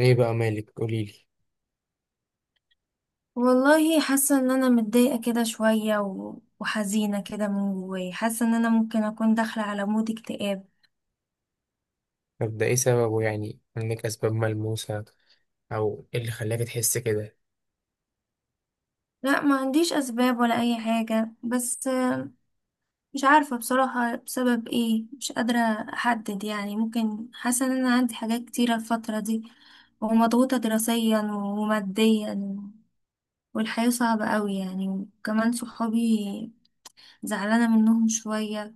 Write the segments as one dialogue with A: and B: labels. A: ايه بقى مالك؟ قوليلي.
B: والله حاسة ان انا متضايقة كده شوية و- وحزينة كده من جوايا. حاسة ان انا ممكن اكون داخلة على مود اكتئاب.
A: طب ده ايه سببه؟ يعني عندك اسباب ملموسة او ايه اللي خلاك تحس كده؟
B: لا، ما عنديش اسباب ولا اي حاجة، بس مش عارفة بصراحة بسبب ايه. مش قادرة احدد، يعني ممكن حاسة ان انا عندي حاجات كتيرة الفترة دي، ومضغوطة دراسيا وماديا، والحياة صعبة قوي يعني، وكمان صحابي زعلانة منهم شوية،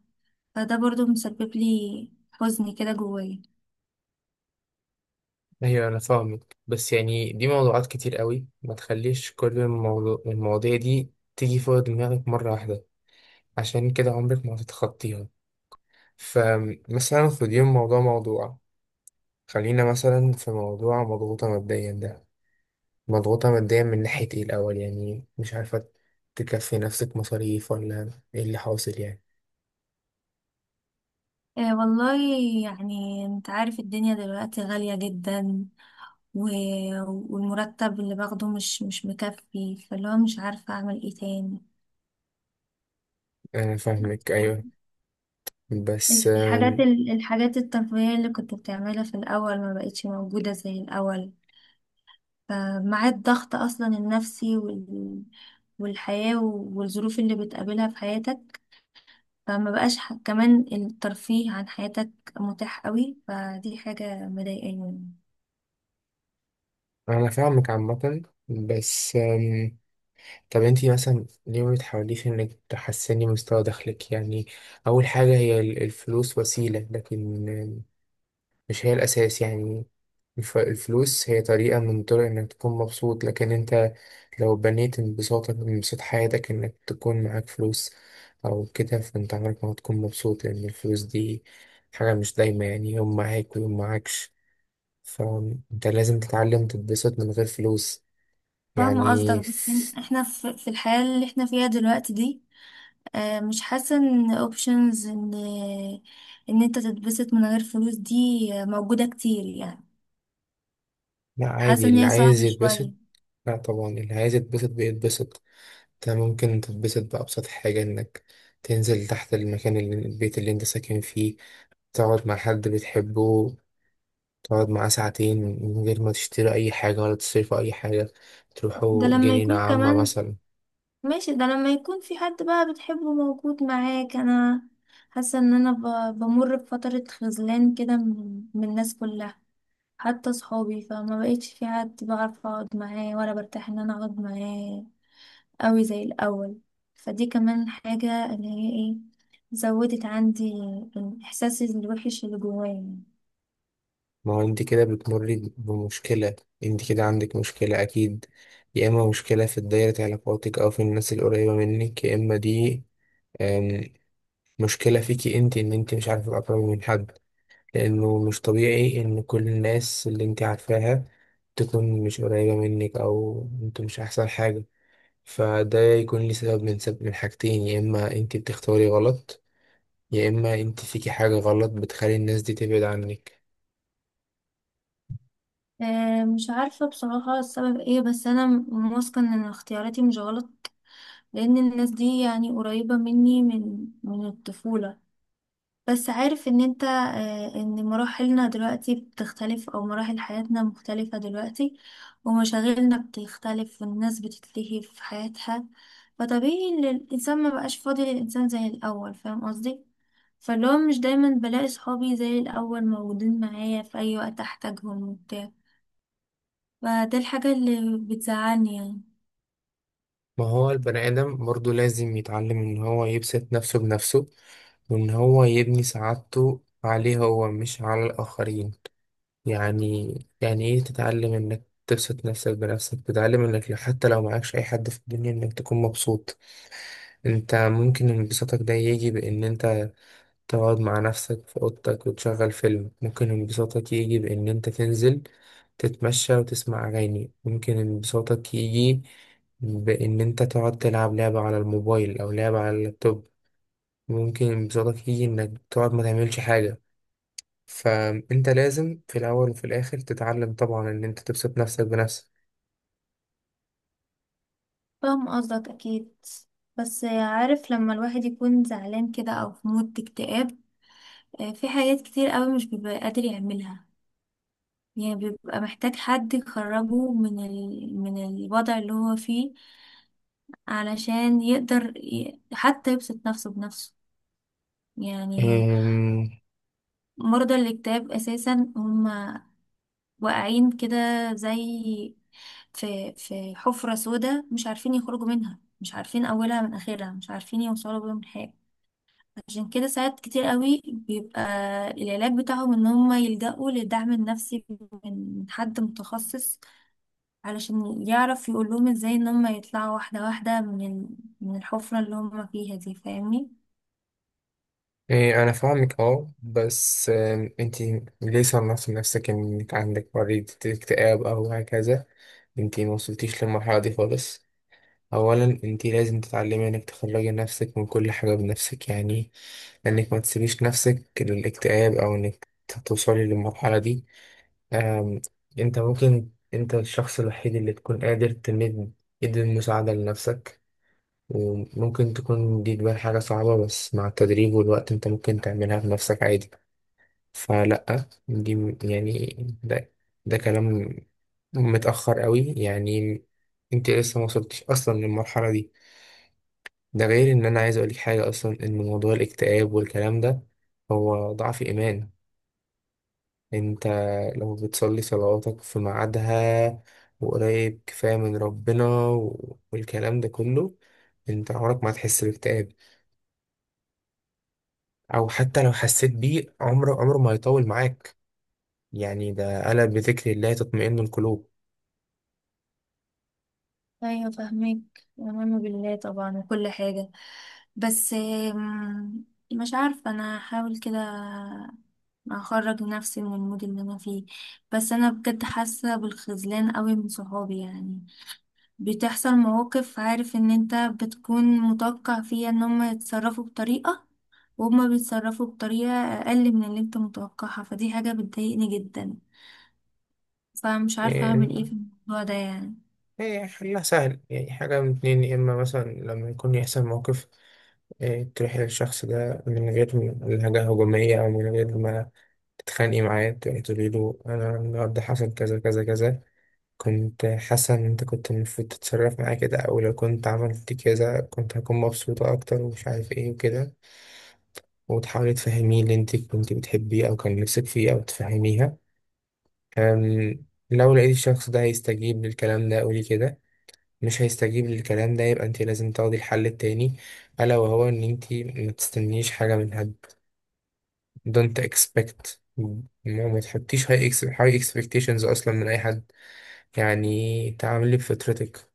B: فده برضو مسبب لي حزن كده جوايا.
A: ايوه انا فاهمك، بس يعني دي موضوعات كتير قوي. ما تخليش كل المواضيع دي تيجي فوق دماغك مرة واحدة، عشان كده عمرك ما هتتخطيها. فمثلا خديهم موضوع موضوع. خلينا مثلا في موضوع مضغوطة ماديا ده، مضغوطة ماديا من ناحية ايه الاول؟ يعني مش عارفة، تكفي نفسك مصاريف ولا ايه اللي حاصل يعني؟
B: آه والله، يعني انت عارف الدنيا دلوقتي غالية جدا، و... والمرتب اللي باخده مش مكفي، فاللي هو مش عارفة اعمل ايه تاني.
A: انا فاهمك، ايوه، بس
B: الحاجات الترفيهية اللي كنت بتعملها في الأول ما بقتش موجودة زي الأول، فمع الضغط أصلا النفسي والحياة والظروف اللي بتقابلها في حياتك، فما بقاش كمان الترفيه عن حياتك متاح قوي، فدي حاجة مضايقاني.
A: انا فاهمك عامة، بس طب انتي مثلا ليه ما بتحاوليش انك تحسني مستوى دخلك؟ يعني اول حاجة، هي الفلوس وسيلة، لكن مش هي الاساس يعني. الفلوس هي طريقة من طرق انك تكون مبسوط، لكن انت لو بنيت انبساطك من انبساط حياتك انك تكون معاك فلوس او كده، فانت عمرك ما هتكون مبسوط، لان الفلوس دي حاجة مش دايما، يعني يوم معاك ويوم معاكش. فانت لازم تتعلم تتبسط من غير فلوس.
B: فاهمة
A: يعني
B: قصدك، بس احنا في الحياة اللي احنا فيها دلوقتي دي، آه، مش حاسة ان اوبشنز ان انت تتبسط من غير فلوس دي، آه، موجودة كتير يعني.
A: لا، عادي،
B: حاسة ان
A: اللي
B: هي
A: عايز
B: صعبة
A: يتبسط،
B: شوية.
A: لا طبعا اللي عايز يتبسط بيتبسط. انت ممكن تتبسط بأبسط حاجة، انك تنزل تحت المكان اللي البيت اللي انت ساكن فيه، تقعد مع حد بتحبه، تقعد معاه ساعتين من غير ما تشتري أي حاجة ولا تصرفوا أي حاجة،
B: ده
A: تروحوا
B: لما
A: جنينة
B: يكون
A: عامة
B: كمان
A: مثلا.
B: ماشي، ده لما يكون في حد بقى بتحبه موجود معاك. انا حاسة ان انا بمر بفترة خذلان كده من الناس كلها، حتى صحابي، فما بقيتش في حد بعرف اقعد معاه ولا برتاح ان انا اقعد معاه قوي زي الأول. فدي كمان حاجة، اللي هي ايه، زودت عندي الإحساس الوحش اللي جوايا.
A: ما هو انت كده بتمري بمشكلة، انت كده عندك مشكلة اكيد. يا اما مشكلة في دايرة علاقاتك او في الناس القريبة منك، يا اما دي أم، مشكلة فيكي انت، ان انت مش عارفة تقربي من حد. لانه مش طبيعي ان كل الناس اللي انت عارفاها تكون مش قريبة منك او انتوا مش احسن حاجة. فده يكون لي سبب من سبب من حاجتين، يا اما انت بتختاري غلط، يا اما انت فيكي حاجة غلط بتخلي الناس دي تبعد عنك.
B: آه، مش عارفة بصراحة السبب ايه، بس أنا واثقة إن اختياراتي مش غلط، لأن الناس دي يعني قريبة مني من الطفولة. بس عارف ان انت، آه، ان مراحلنا دلوقتي بتختلف، او مراحل حياتنا مختلفة دلوقتي، ومشاغلنا بتختلف، والناس بتتلهي في حياتها. فطبيعي ان الانسان ما بقاش فاضي للانسان زي الاول، فاهم قصدي؟ فاللي هو مش دايما بلاقي صحابي زي الاول موجودين معايا في اي وقت احتاجهم وبتاع، فده الحاجة اللي بتزعلني يعني.
A: ما هو البني آدم برضه لازم يتعلم إن هو يبسط نفسه بنفسه، وإن هو يبني سعادته عليه هو مش على الآخرين. يعني يعني إيه تتعلم إنك تبسط نفسك بنفسك؟ تتعلم إنك حتى لو معكش أي حد في الدنيا إنك تكون مبسوط. أنت ممكن انبساطك ده يجي بإن أنت تقعد مع نفسك في أوضتك وتشغل فيلم، ممكن انبساطك يجي بإن أنت تنزل تتمشى وتسمع أغاني، ممكن انبساطك يجي بإن أنت تقعد تلعب لعبة على الموبايل أو لعبة على اللابتوب، ممكن انبساطك يجي إنك تقعد ما تعملش حاجة. فأنت لازم في الأول وفي الآخر تتعلم طبعا إن أنت تبسط نفسك
B: فاهم قصدك اكيد، بس عارف لما الواحد يكون زعلان كده او في مود اكتئاب، في حاجات كتير قوي مش بيبقى قادر يعملها، يعني بيبقى محتاج حد يخرجه من الوضع اللي هو فيه، علشان يقدر حتى يبسط نفسه بنفسه يعني.
A: بنفسك.
B: مرضى الاكتئاب اساسا هم واقعين كده، زي في حفرة سوداء، مش عارفين يخرجوا منها، مش عارفين اولها من اخرها، مش عارفين يوصلوا بيهم لحاجة. عشان كده ساعات كتير قوي بيبقى العلاج بتاعهم ان هم يلجأوا للدعم النفسي من حد متخصص، علشان يعرف يقول لهم ازاي ان هم يطلعوا واحدة واحدة من الحفرة اللي هم فيها دي، فاهمني؟
A: إيه؟ أنا فاهمك، أه، بس أنتي ليه صنفتي نفسك إنك عندك مريض اكتئاب أو هكذا؟ أنتي موصلتيش للمرحلة دي خالص. أولا أنتي لازم تتعلمي إنك تخرجي نفسك من كل حاجة بنفسك، يعني إنك ما تسيبيش نفسك للاكتئاب أو إنك توصلي للمرحلة دي. آم، أنت ممكن أنت الشخص الوحيد اللي تكون قادر تمد إيد المساعدة لنفسك. وممكن تكون دي تبان حاجة صعبة، بس مع التدريب والوقت انت ممكن تعملها بنفسك عادي. فلأ، دي يعني ده ده كلام متأخر قوي يعني، انت لسه ما وصلتش اصلا للمرحلة دي. ده غير ان انا عايز اقولك حاجة اصلا، ان موضوع الاكتئاب والكلام ده هو ضعف ايمان. انت لو بتصلي صلواتك في ميعادها وقريب كفاية من ربنا والكلام ده كله، انت عمرك ما هتحس باكتئاب، او حتى لو حسيت بيه عمره ما هيطول معاك. يعني ده قال بذكر الله تطمئن القلوب.
B: ايوه، فاهمك ومنه بالله طبعا وكل حاجة، بس آم، مش عارفة، انا هحاول كده اخرج نفسي من المود اللي انا فيه. بس انا بجد حاسة بالخذلان قوي من صحابي يعني. بتحصل مواقف، عارف ان انت بتكون متوقع فيها ان هم يتصرفوا بطريقة، وهم بيتصرفوا بطريقة اقل من اللي انت متوقعها، فدي حاجة بتضايقني جدا. فمش عارفة
A: يعني
B: اعمل ايه في الموضوع ده يعني.
A: إيه؟ حلها سهل، يعني حاجة من اتنين. يا إما مثلا لما يكون يحصل موقف إيه، تروح للشخص ده من غير لهجة هجومية أو من غير ما تتخانقي معاه، تروحي تقولي له أنا النهاردة حصل كذا كذا كذا، كنت حاسة إن أنت كنت المفروض تتصرف معايا كده، أو لو كنت عملت كذا كنت هكون مبسوطة أكتر، ومش عارف إيه وكده. وتحاولي تفهميه اللي انت كنت بتحبيه او كان نفسك فيه او تفهميها. أم، لو لقيت الشخص ده هيستجيب للكلام ده قولي كده، مش هيستجيب للكلام ده يبقى انت لازم تاخدي الحل التاني. الا وهو ان انت ما تستنيش حاجه من حد. Don't expect. ما تحطيش high high expectations اصلا من اي حد، يعني تعاملي بفطرتك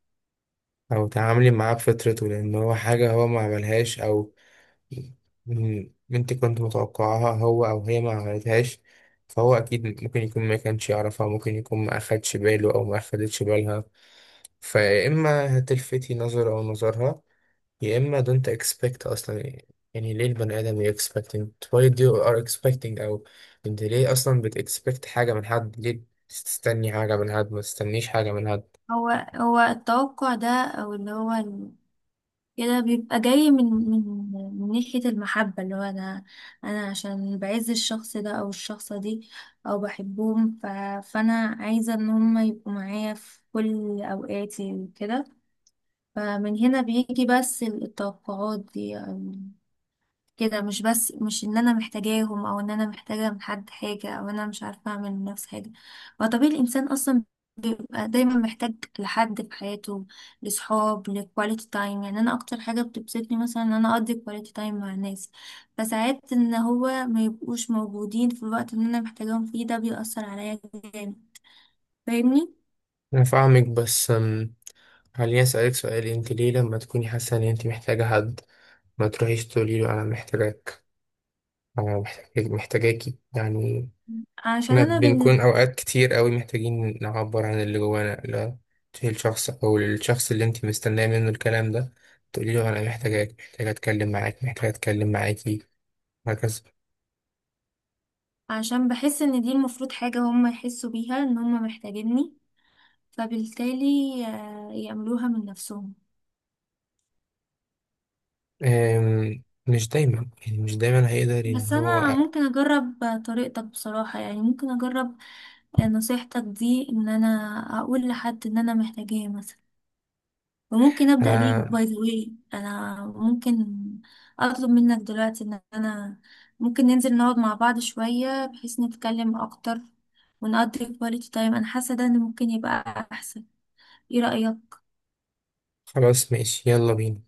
A: او تعاملي معاه بفطرته، لان هو حاجه هو ما عملهاش، او من بنت كنت متوقعها هو أو هي ما عملتهاش. فهو أكيد ممكن يكون ما كانش يعرفها، ممكن يكون ما أخدش باله أو ما أخدتش بالها. فيا إما هتلفتي نظره أو نظرها، يا إما don't expect أصلا. يعني ليه البني آدم ي expecting، why do you are expecting؟ أو أنت ليه أصلا بت expect حاجة من حد؟ ليه تستني حاجة من حد؟ ما تستنيش حاجة من حد.
B: هو هو التوقع ده او اللي هو كده بيبقى جاي من من ناحية المحبة، اللي هو انا عشان بعز الشخص ده او الشخصة دي او بحبهم، فانا عايزة ان هم يبقوا معايا في كل اوقاتي وكده. فمن هنا بيجي بس التوقعات دي، أو كده. مش بس مش ان انا محتاجاهم، او ان انا محتاجة من حد حاجة، او انا مش عارفة اعمل من نفسي حاجة. هو طبيعي الانسان اصلا بيبقى دايما محتاج لحد في حياته، لصحاب، لكواليتي تايم. يعني انا اكتر حاجة بتبسطني مثلا ان انا اقضي كواليتي تايم مع الناس، فساعات ان هو ما يبقوش موجودين في الوقت اللي انا محتاجاهم فيه، ده بيأثر عليا جامد، فاهمني؟
A: أنا فاهمك، بس خليني أسألك سؤال، أنت ليه لما تكوني حاسة إن أنت محتاجة حد ما تروحيش تقولي له انا محتاجاك، انا محتاجاكي يعني؟
B: عشان
A: احنا
B: انا
A: بنكون اوقات كتير قوي محتاجين نعبر عن اللي جوانا. لا تشيل شخص او الشخص اللي انت مستنيه منه الكلام ده، تقولي له انا محتاجاك، محتاجه اتكلم معاك، محتاجه اتكلم معاكي، وهكذا.
B: عشان بحس ان دي المفروض حاجة هم يحسوا بيها، ان هم محتاجيني، فبالتالي، آه، يعملوها من نفسهم.
A: مش دايما، يعني مش دايما هيقدر ان
B: بس انا
A: هو
B: ممكن اجرب طريقتك بصراحة، يعني ممكن اجرب، آه، نصيحتك دي، ان انا اقول لحد ان انا محتاجاه مثلا. وممكن ابدأ بيك،
A: انا.
B: باي ذا واي، انا ممكن اطلب منك دلوقتي ان انا ممكن ننزل نقعد مع بعض شوية بحيث نتكلم اكتر ونقضي كواليتي تايم. انا حاسة ده ان ممكن يبقى احسن. ايه رأيك؟
A: خلاص، ماشي، يلا بينا.